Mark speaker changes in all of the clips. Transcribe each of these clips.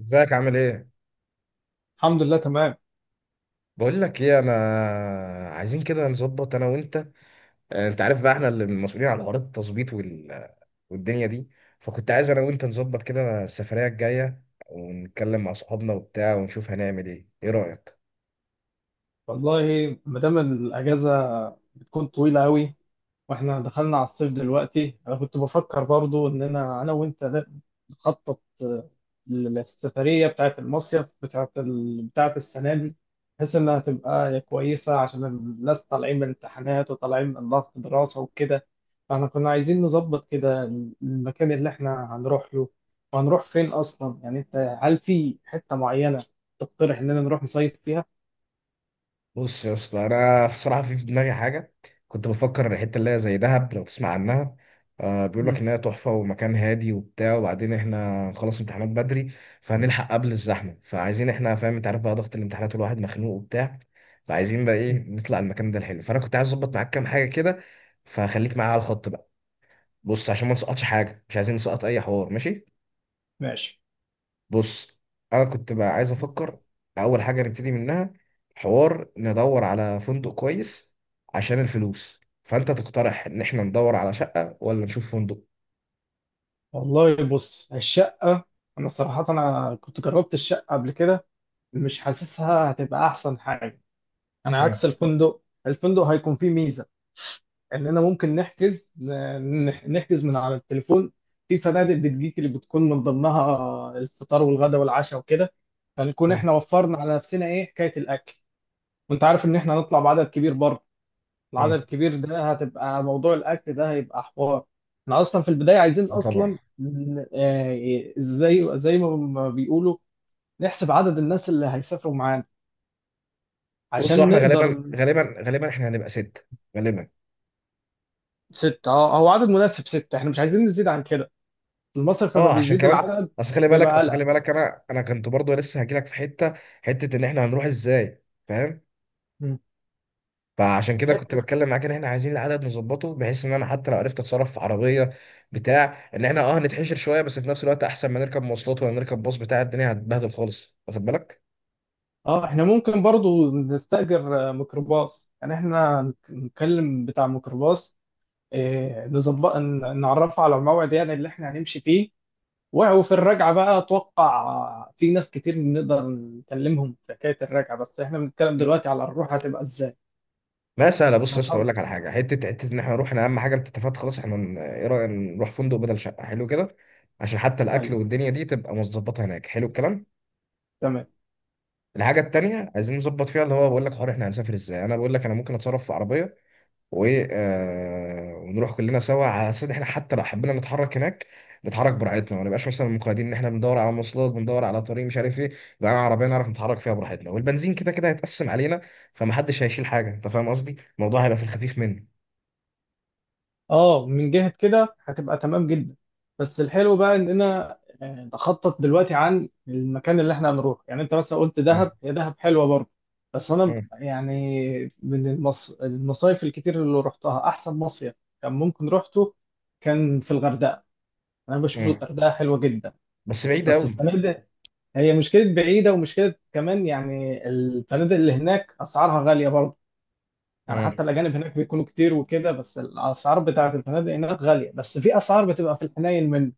Speaker 1: ازيك عامل ايه؟
Speaker 2: الحمد لله تمام.
Speaker 1: بقول لك ايه، انا عايزين كده نظبط انا وانت. انت عارف بقى احنا اللي مسؤولين على حوارات التظبيط والدنيا دي. فكنت عايز انا وانت نظبط كده السفرية الجاية، ونتكلم مع صحابنا وبتاع ونشوف هنعمل ايه، ايه رأيك؟
Speaker 2: والله ما دام الاجازه بتكون طويله قوي، واحنا دخلنا على الصيف دلوقتي، انا كنت بفكر برضو اننا انا وانت نخطط للسفريه بتاعت المصيف بتاعت السنه دي، بحيث انها تبقى كويسه عشان الناس طالعين من الامتحانات وطالعين من ضغط دراسه وكده. فاحنا كنا عايزين نظبط كده المكان اللي احنا هنروح له، وهنروح فين اصلا؟ يعني انت هل في حته معينه تقترح اننا نروح نصيف فيها؟
Speaker 1: بص يا اسطى، انا بصراحه في دماغي حاجه، كنت بفكر الحته اللي هي زي دهب لو تسمع عنها. بيقول لك
Speaker 2: مم.
Speaker 1: ان هي تحفه ومكان هادي وبتاع، وبعدين احنا نخلص امتحانات بدري، فهنلحق قبل الزحمه. فعايزين احنا، فاهم، انت عارف بقى ضغط الامتحانات والواحد مخنوق وبتاع. فعايزين بقى ايه،
Speaker 2: مم.
Speaker 1: نطلع المكان ده الحلو، فانا كنت عايز اظبط معاك كام حاجه كده. فخليك معايا على الخط بقى. بص، عشان ما نسقطش حاجه، مش عايزين نسقط اي حوار، ماشي.
Speaker 2: ماشي.
Speaker 1: بص، انا كنت بقى عايز افكر، اول حاجه نبتدي منها، حوار ندور على فندق كويس عشان الفلوس، فانت تقترح ان احنا ندور على شقه ولا نشوف فندق؟
Speaker 2: والله بص، الشقة أنا صراحة أنا كنت جربت الشقة قبل كده، مش حاسسها هتبقى أحسن حاجة. أنا
Speaker 1: مم.
Speaker 2: عكس الفندق، الفندق هيكون فيه ميزة إننا ممكن نحجز من على التليفون. في فنادق بتجيك اللي بتكون من ضمنها الفطار والغداء والعشاء وكده، فنكون
Speaker 1: مم.
Speaker 2: إحنا وفرنا على نفسنا إيه حكاية الأكل. وأنت عارف إن إحنا هنطلع بعدد كبير بره، العدد
Speaker 1: مم.
Speaker 2: الكبير ده هتبقى موضوع الاكل ده هيبقى حوار. احنا اصلا في البدايه عايزين
Speaker 1: اه طبعا.
Speaker 2: اصلا زي ما بيقولوا نحسب عدد الناس اللي هيسافروا معانا
Speaker 1: بص، هو
Speaker 2: عشان
Speaker 1: احنا غالبا
Speaker 2: نقدر.
Speaker 1: غالبا غالبا احنا هنبقى ستة، غالبا.
Speaker 2: ستة، اه، هو عدد مناسب، ستة احنا مش عايزين نزيد عن كده، المصرف لما
Speaker 1: اه عشان
Speaker 2: بيزيد
Speaker 1: كمان،
Speaker 2: العدد
Speaker 1: اصل خلي بالك
Speaker 2: بيبقى
Speaker 1: اصل خلي
Speaker 2: قلق.
Speaker 1: بالك انا كنت برضو لسه هجيلك في حته ان احنا هنروح ازاي، فاهم.
Speaker 2: مم.
Speaker 1: فعشان كده كنت
Speaker 2: حتة.
Speaker 1: بتكلم معاك ان احنا عايزين العدد نظبطه، بحيث ان انا حتى لو عرفت اتصرف في عربيه بتاع، ان احنا هنتحشر شويه، بس في نفس الوقت احسن ما نركب مواصلات ولا نركب باص بتاع، الدنيا هتبهدل خالص، واخد بالك؟
Speaker 2: اه احنا ممكن برضو نستأجر ميكروباص، يعني احنا نكلم بتاع ميكروباص، نظبط نعرفه على الموعد يعني اللي احنا هنمشي فيه. وفي الرجعة بقى أتوقع في ناس كتير نقدر نكلمهم في حكاية الرجعة، بس إحنا بنتكلم دلوقتي على الروح هتبقى إزاي؟
Speaker 1: ما سهله، بص
Speaker 2: إحنا
Speaker 1: يا اسطى،
Speaker 2: طبعا.
Speaker 1: اقول لك على حاجه، حته ان احنا نروح، انا اهم حاجه انت اتفقت خلاص، احنا ايه رايك نروح فندق بدل شقه، حلو كده. عشان حتى
Speaker 2: أيوه،
Speaker 1: الاكل والدنيا دي تبقى مظبطه هناك، حلو الكلام.
Speaker 2: تمام.
Speaker 1: الحاجه التانيه عايزين نظبط فيها، اللي هو بقول لك، حوار احنا هنسافر ازاي، انا بقول لك انا ممكن اتصرف في عربيه و آه، ونروح كلنا سوا، على اساس ان احنا حتى لو حبينا نتحرك هناك، نتحرك براحتنا، ما نبقاش مثلا مقيدين ان احنا بندور على مواصلات، بندور على طريق مش عارف ايه. يبقى انا عربيه نعرف نتحرك فيها براحتنا، والبنزين كده كده هيتقسم علينا، فمحدش هيشيل حاجه. انت فاهم قصدي، الموضوع هيبقى في الخفيف منه.
Speaker 2: أه، من جهة كده هتبقى تمام جدا، بس الحلو بقى إننا نخطط دلوقتي عن المكان اللي إحنا هنروح. يعني أنت مثلا قلت
Speaker 1: مم.
Speaker 2: دهب، هي دهب حلوة برضه، بس أنا
Speaker 1: مم.
Speaker 2: يعني من المصايف الكتير اللي رحتها أحسن مصيف كان ممكن روحته كان في الغردقة. أنا بشوف
Speaker 1: مم.
Speaker 2: الغردقة حلوة جدا،
Speaker 1: بس بعيد
Speaker 2: بس
Speaker 1: قوي.
Speaker 2: الفنادق هي مشكلة بعيدة ومشكلة كمان. يعني الفنادق اللي هناك أسعارها غالية برضه، يعني حتى الأجانب هناك بيكونوا كتير وكده، بس الأسعار بتاعة الفنادق هناك غالية، بس في أسعار بتبقى في الحنين منه.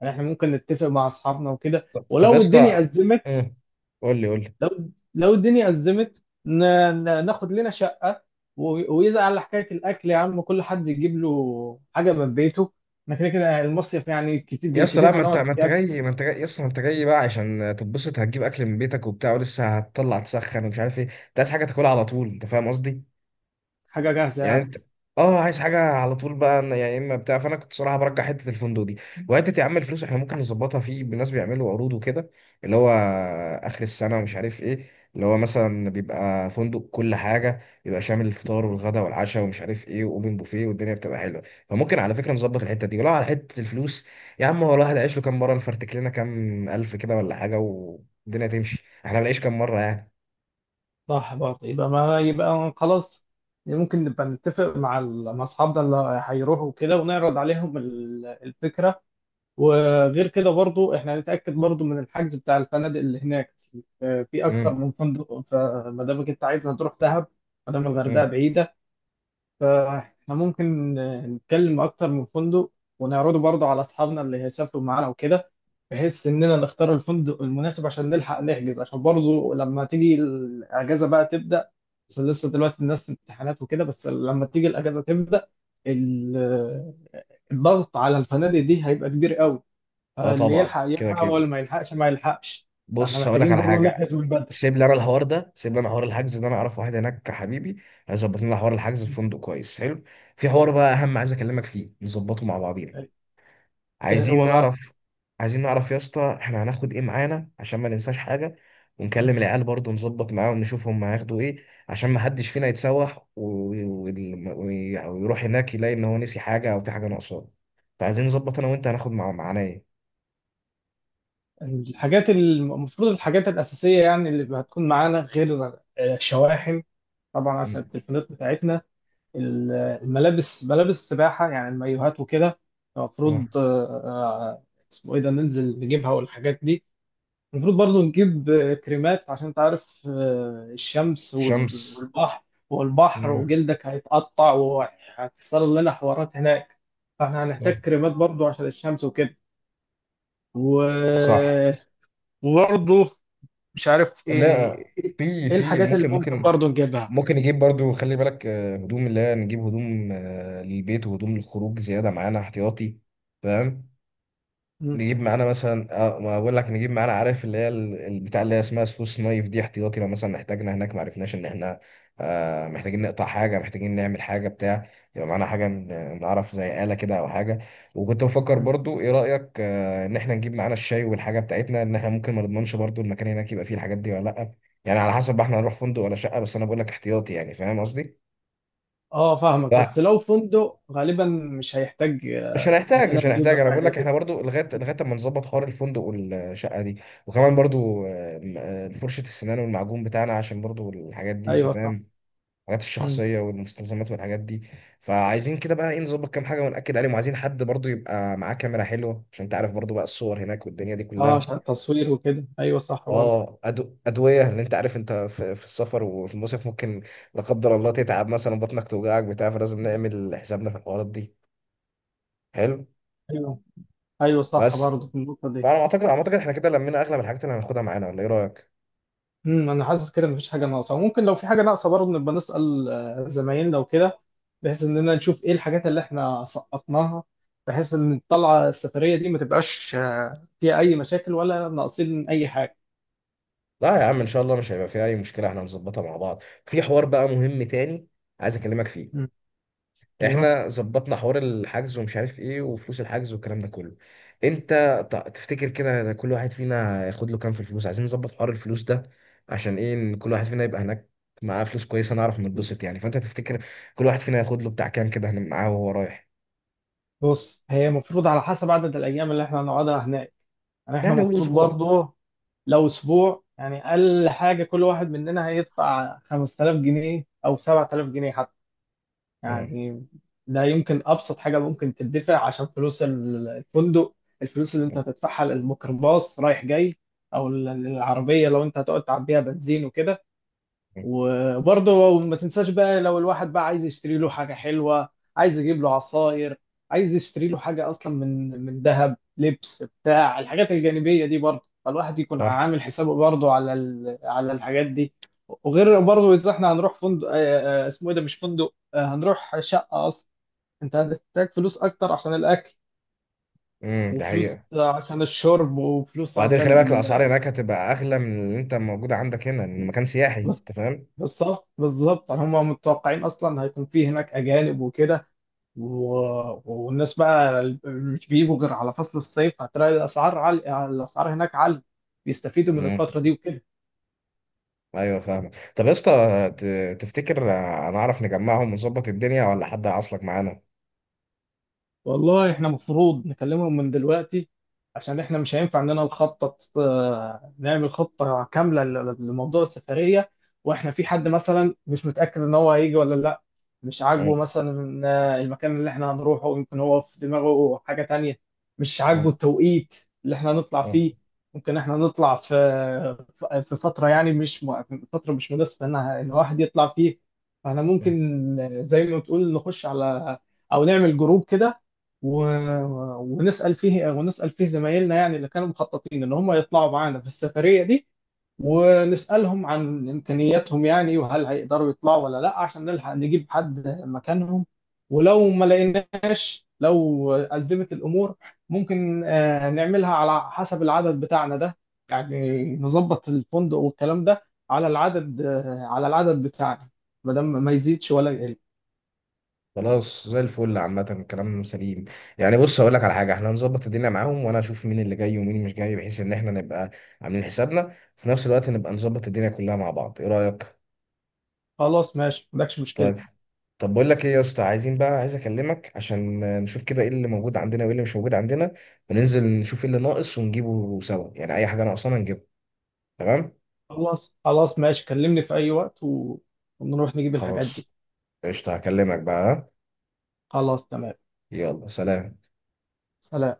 Speaker 2: يعني إحنا ممكن نتفق مع أصحابنا وكده،
Speaker 1: طب طب يا
Speaker 2: ولو
Speaker 1: اسطى.
Speaker 2: الدنيا أزمت،
Speaker 1: مم. قول لي، قول لي.
Speaker 2: لو لو الدنيا أزمت ناخد لنا شقة، ويزعل على حكاية الأكل، يا عم كل حد يجيب له حاجة من بيته، إحنا كده كده المصيف يعني كتير
Speaker 1: يا اسطى لا،
Speaker 2: بالكتير هنقعد
Speaker 1: ما انت
Speaker 2: يعني
Speaker 1: جاي ما انت جاي يا اسطى ما انت جاي بقى، عشان تتبسط هتجيب اكل من بيتك وبتاع، ولسه هتطلع تسخن ومش عارف ايه، انت عايز حاجه تاكلها على طول، انت فاهم قصدي؟
Speaker 2: حاجة جاهزة
Speaker 1: يعني
Speaker 2: يعني.
Speaker 1: انت اه عايز حاجه على طول بقى. انا يا اما بتاع، فانا كنت صراحه برجع حته الفندق دي. وحته يا عم الفلوس، احنا ممكن نظبطها في ناس بيعملوا عروض وكده، اللي هو اخر السنه ومش عارف ايه، اللي هو مثلا بيبقى فندق، كل حاجه بيبقى شامل الفطار والغداء والعشاء ومش عارف ايه، واوبن بوفيه، والدنيا بتبقى حلوه. فممكن على فكره نظبط الحته دي، ولو على حته الفلوس، يا عم هو الواحد عايش له كام مره؟ نفرتك لنا كام الف كده ولا حاجه، والدنيا تمشي، احنا بنعيش كام مره يعني.
Speaker 2: صح برضه، يبقى ما يبقى خلاص. ممكن نبقى نتفق مع مع اصحابنا اللي هيروحوا كده ونعرض عليهم الفكره. وغير كده برضه احنا هنتاكد برضه من الحجز بتاع الفنادق اللي هناك، في اكتر
Speaker 1: امم.
Speaker 2: من فندق. فما دامك انت عايز هتروح دهب، ما دام الغردقه
Speaker 1: امم.
Speaker 2: بعيده، فاحنا ممكن نتكلم اكتر من فندق ونعرضه برضه على اصحابنا اللي هيسافروا معانا وكده، بحيث اننا نختار الفندق المناسب عشان نلحق نحجز، عشان برضه لما تيجي الاجازه بقى تبدا. بس لسه دلوقتي الناس في امتحانات وكده، بس لما تيجي الاجازه تبدا ال- الضغط على الفنادق دي هيبقى كبير قوي،
Speaker 1: اه
Speaker 2: اللي
Speaker 1: طبعا،
Speaker 2: يلحق
Speaker 1: كده
Speaker 2: يلحق
Speaker 1: كده.
Speaker 2: واللي ما يلحقش ما يلحقش، فاحنا
Speaker 1: بص، هقول لك
Speaker 2: محتاجين
Speaker 1: على
Speaker 2: برضه
Speaker 1: حاجه،
Speaker 2: نحجز من بدري.
Speaker 1: سيب لي انا الحوار ده، سيب لي انا حوار الحجز ده، انا اعرف واحد هناك حبيبي، هيظبط لنا حوار الحجز في فندق كويس حلو. في حوار بقى اهم عايز اكلمك فيه، نظبطه مع بعضينا.
Speaker 2: إيه
Speaker 1: عايزين
Speaker 2: هو بقى؟
Speaker 1: نعرف. يا اسطى احنا هناخد ايه معانا عشان ما ننساش حاجه. ونكلم العيال برضه، نظبط معاهم، نشوف هم هياخدوا ايه، عشان ما حدش فينا يتسوح ويروح هناك يلاقي ان هو نسي حاجه او في حاجه ناقصاه. فعايزين نظبط انا وانت هناخد معانا ايه.
Speaker 2: الحاجات المفروض الحاجات الاساسيه، يعني اللي هتكون معانا غير الشواحن طبعا عشان
Speaker 1: مم.
Speaker 2: التليفونات بتاعتنا، ال- الملابس، ملابس السباحة يعني المايوهات وكده
Speaker 1: اه.
Speaker 2: المفروض. آه، اسمه ايه ده، ننزل نجيبها والحاجات دي. المفروض برضو نجيب كريمات عشان تعرف الشمس
Speaker 1: شمس.
Speaker 2: والبحر، والبحر
Speaker 1: تمام.
Speaker 2: وجلدك هيتقطع وهتحصل لنا حوارات هناك، فاحنا
Speaker 1: آه.
Speaker 2: هنحتاج كريمات برضو عشان الشمس وكده. و...
Speaker 1: صح.
Speaker 2: وبرضو مش عارف
Speaker 1: لا،
Speaker 2: ايه،
Speaker 1: في
Speaker 2: ايه
Speaker 1: في
Speaker 2: الحاجات اللي
Speaker 1: ممكن
Speaker 2: ممكن
Speaker 1: ممكن
Speaker 2: برضو نجيبها.
Speaker 1: ممكن نجيب برضو، خلي بالك، هدوم، اللي هي نجيب هدوم للبيت، وهدوم للخروج زيادة معانا احتياطي، فاهم. نجيب معانا مثلا ما بقول لك، نجيب معانا عارف اللي هي البتاع اللي هي اسمها سويس نايف دي احتياطي، لو مثلا احتاجنا هناك ما عرفناش ان احنا محتاجين نقطع حاجه، محتاجين نعمل حاجه بتاع. يبقى معانا حاجه نعرف زي آلة كده او حاجه. وكنت بفكر برضو، ايه رأيك ان احنا نجيب معانا الشاي والحاجه بتاعتنا، ان احنا ممكن ما نضمنش برضو المكان هناك يبقى فيه الحاجات دي ولا لا. يعني على حسب بقى احنا هنروح فندق ولا شقه، بس انا بقول لك احتياطي يعني، فاهم قصدي؟
Speaker 2: اه فاهمك، بس
Speaker 1: لا،
Speaker 2: لو فندق غالبا مش هيحتاج
Speaker 1: مش هنحتاج، مش
Speaker 2: اننا نجيب
Speaker 1: هنحتاج، انا بقول
Speaker 2: الحاجات
Speaker 1: لك
Speaker 2: دي.
Speaker 1: احنا برضو لغايه اما نظبط حوار الفندق والشقه دي، وكمان برضو فرشه السنان والمعجون بتاعنا، عشان برضو الحاجات دي انت
Speaker 2: ايوه صح.
Speaker 1: فاهم، الحاجات
Speaker 2: مم.
Speaker 1: الشخصيه والمستلزمات والحاجات دي. فعايزين كده بقى ايه، نظبط كام حاجه ونأكد عليهم، وعايزين حد برضو يبقى معاه كاميرا حلوه، عشان انت عارف برضو بقى الصور هناك والدنيا دي
Speaker 2: اه
Speaker 1: كلها.
Speaker 2: عشان التصوير وكده، ايوه صح برضه.
Speaker 1: اه ادويه، لان انت عارف انت في السفر وفي المصيف، ممكن لا قدر الله تتعب مثلا، بطنك توجعك بتاع، فلازم نعمل حسابنا في الحوارات دي، حلو.
Speaker 2: ايوه، ايوه صح
Speaker 1: بس،
Speaker 2: برضه في النقطه دي.
Speaker 1: فانا اعتقد احنا كده لمينا اغلب الحاجات اللي هناخدها معانا، ولا ايه رايك.
Speaker 2: امم، انا حاسس كده مفيش حاجه ناقصه، ممكن لو في حاجه ناقصه برضه نبقى نسال زمايلنا وكده، بحيث اننا نشوف ايه الحاجات اللي احنا سقطناها، بحيث ان الطلعه السفريه دي ما تبقاش فيها اي مشاكل ولا ناقصين اي حاجه.
Speaker 1: لا يا عم، ان شاء الله مش هيبقى فيها اي مشكله، احنا هنظبطها مع بعض. في حوار بقى مهم تاني عايز اكلمك فيه،
Speaker 2: امم. ايوه.
Speaker 1: احنا ظبطنا حوار الحجز ومش عارف ايه، وفلوس الحجز والكلام ده كله. انت تفتكر كده كل واحد فينا ياخد له كام في الفلوس؟ عايزين نظبط حوار الفلوس ده، عشان ايه ان كل واحد فينا يبقى هناك معاه فلوس كويسه نعرف نتبسط يعني. فانت تفتكر كل واحد فينا ياخد له بتاع كام كده معاه وهو رايح؟
Speaker 2: بص، هي المفروض على حسب عدد الايام اللي احنا هنقعدها هناك، يعني احنا
Speaker 1: يعني قول
Speaker 2: المفروض
Speaker 1: اسبوع.
Speaker 2: برضه لو اسبوع، يعني اقل حاجه كل واحد مننا هيدفع 5000 جنيه او 7000 جنيه حتى
Speaker 1: مم.
Speaker 2: يعني. ده يمكن ابسط حاجه ممكن تدفع عشان فلوس الفندق، الفلوس اللي انت هتدفعها للميكروباص رايح جاي، او العربيه لو انت هتقعد تعبيها بنزين وكده.
Speaker 1: مم.
Speaker 2: وبرضه ما تنساش بقى لو الواحد بقى عايز يشتري له حاجة حلوة، عايز يجيب له عصاير، عايز يشتري له حاجة أصلا من ذهب، لبس بتاع، الحاجات الجانبية دي برضه، فالواحد يكون
Speaker 1: صح.
Speaker 2: عامل حسابه برضه على الحاجات دي. وغير برضه إذا إحنا هنروح فندق، اسمه إيه ده، مش فندق، هنروح شقة أصلا، أنت هتحتاج فلوس أكتر عشان الأكل،
Speaker 1: امم، ده
Speaker 2: وفلوس
Speaker 1: حقيقة.
Speaker 2: عشان الشرب، وفلوس
Speaker 1: وبعدين خلي
Speaker 2: عشان.
Speaker 1: بالك الاسعار هناك هتبقى اغلى من اللي انت موجود عندك هنا، لان مكان سياحي، انت
Speaker 2: بس
Speaker 1: فاهم.
Speaker 2: بالظبط بالظبط، هما متوقعين أصلا هيكون في هناك أجانب وكده، والناس بقى مش بيجوا غير على فصل الصيف، هتلاقي الاسعار عالية، الاسعار هناك عالية، بيستفيدوا من
Speaker 1: امم.
Speaker 2: الفترة دي وكده.
Speaker 1: ايوه فاهمك، طب يا اسطى، تفتكر هنعرف نجمعهم ونظبط الدنيا، ولا حد هيعصلك معانا؟
Speaker 2: والله احنا مفروض نكلمهم من دلوقتي، عشان احنا مش هينفع اننا نخطط نعمل خطة كاملة لموضوع السفرية واحنا في حد مثلا مش متأكد ان هو هيجي ولا لا، مش
Speaker 1: أه.
Speaker 2: عاجبه مثلا المكان اللي احنا هنروحه، يمكن هو في دماغه حاجة تانية، مش
Speaker 1: أه.
Speaker 2: عاجبه التوقيت اللي احنا هنطلع
Speaker 1: أه.
Speaker 2: فيه. ممكن احنا نطلع في فترة، يعني مش م- فترة مش مناسبة ان إن الواحد يطلع فيه. فاحنا
Speaker 1: أه.
Speaker 2: ممكن زي ما بتقول نخش على، او نعمل جروب كده و... ونسأل فيه زمايلنا يعني اللي كانوا مخططين ان هم يطلعوا معانا في السفرية دي، ونسألهم عن إمكانياتهم يعني وهل هيقدروا يطلعوا ولا لا عشان نلحق نجيب حد مكانهم. ولو ما لقيناش، لو أزمت الأمور، ممكن نعملها على حسب العدد بتاعنا ده، يعني نظبط الفندق والكلام ده على العدد على العدد بتاعنا ما دام ما يزيدش ولا يقل.
Speaker 1: خلاص زي الفل، عامة الكلام سليم يعني. بص، هقول لك على حاجة، احنا هنظبط الدنيا معاهم، وانا اشوف مين اللي جاي ومين مش جاي، بحيث ان احنا نبقى عاملين حسابنا، في نفس الوقت نبقى نظبط الدنيا كلها مع بعض، ايه رأيك؟
Speaker 2: خلاص ماشي، ما عندكش مشكلة.
Speaker 1: طيب. طب بقول لك ايه يا اسطى، عايزين بقى، عايز اكلمك عشان نشوف كده ايه اللي موجود عندنا وايه اللي مش موجود عندنا، وننزل نشوف ايه اللي ناقص ونجيبه سوا، يعني اي حاجه ناقصانا نجيبها، تمام.
Speaker 2: خلاص خلاص ماشي، كلمني في أي وقت ونروح نجيب الحاجات دي.
Speaker 1: خلاص، قشطه، هكلمك بقى ها؟
Speaker 2: خلاص تمام.
Speaker 1: يلا سلام.
Speaker 2: سلام.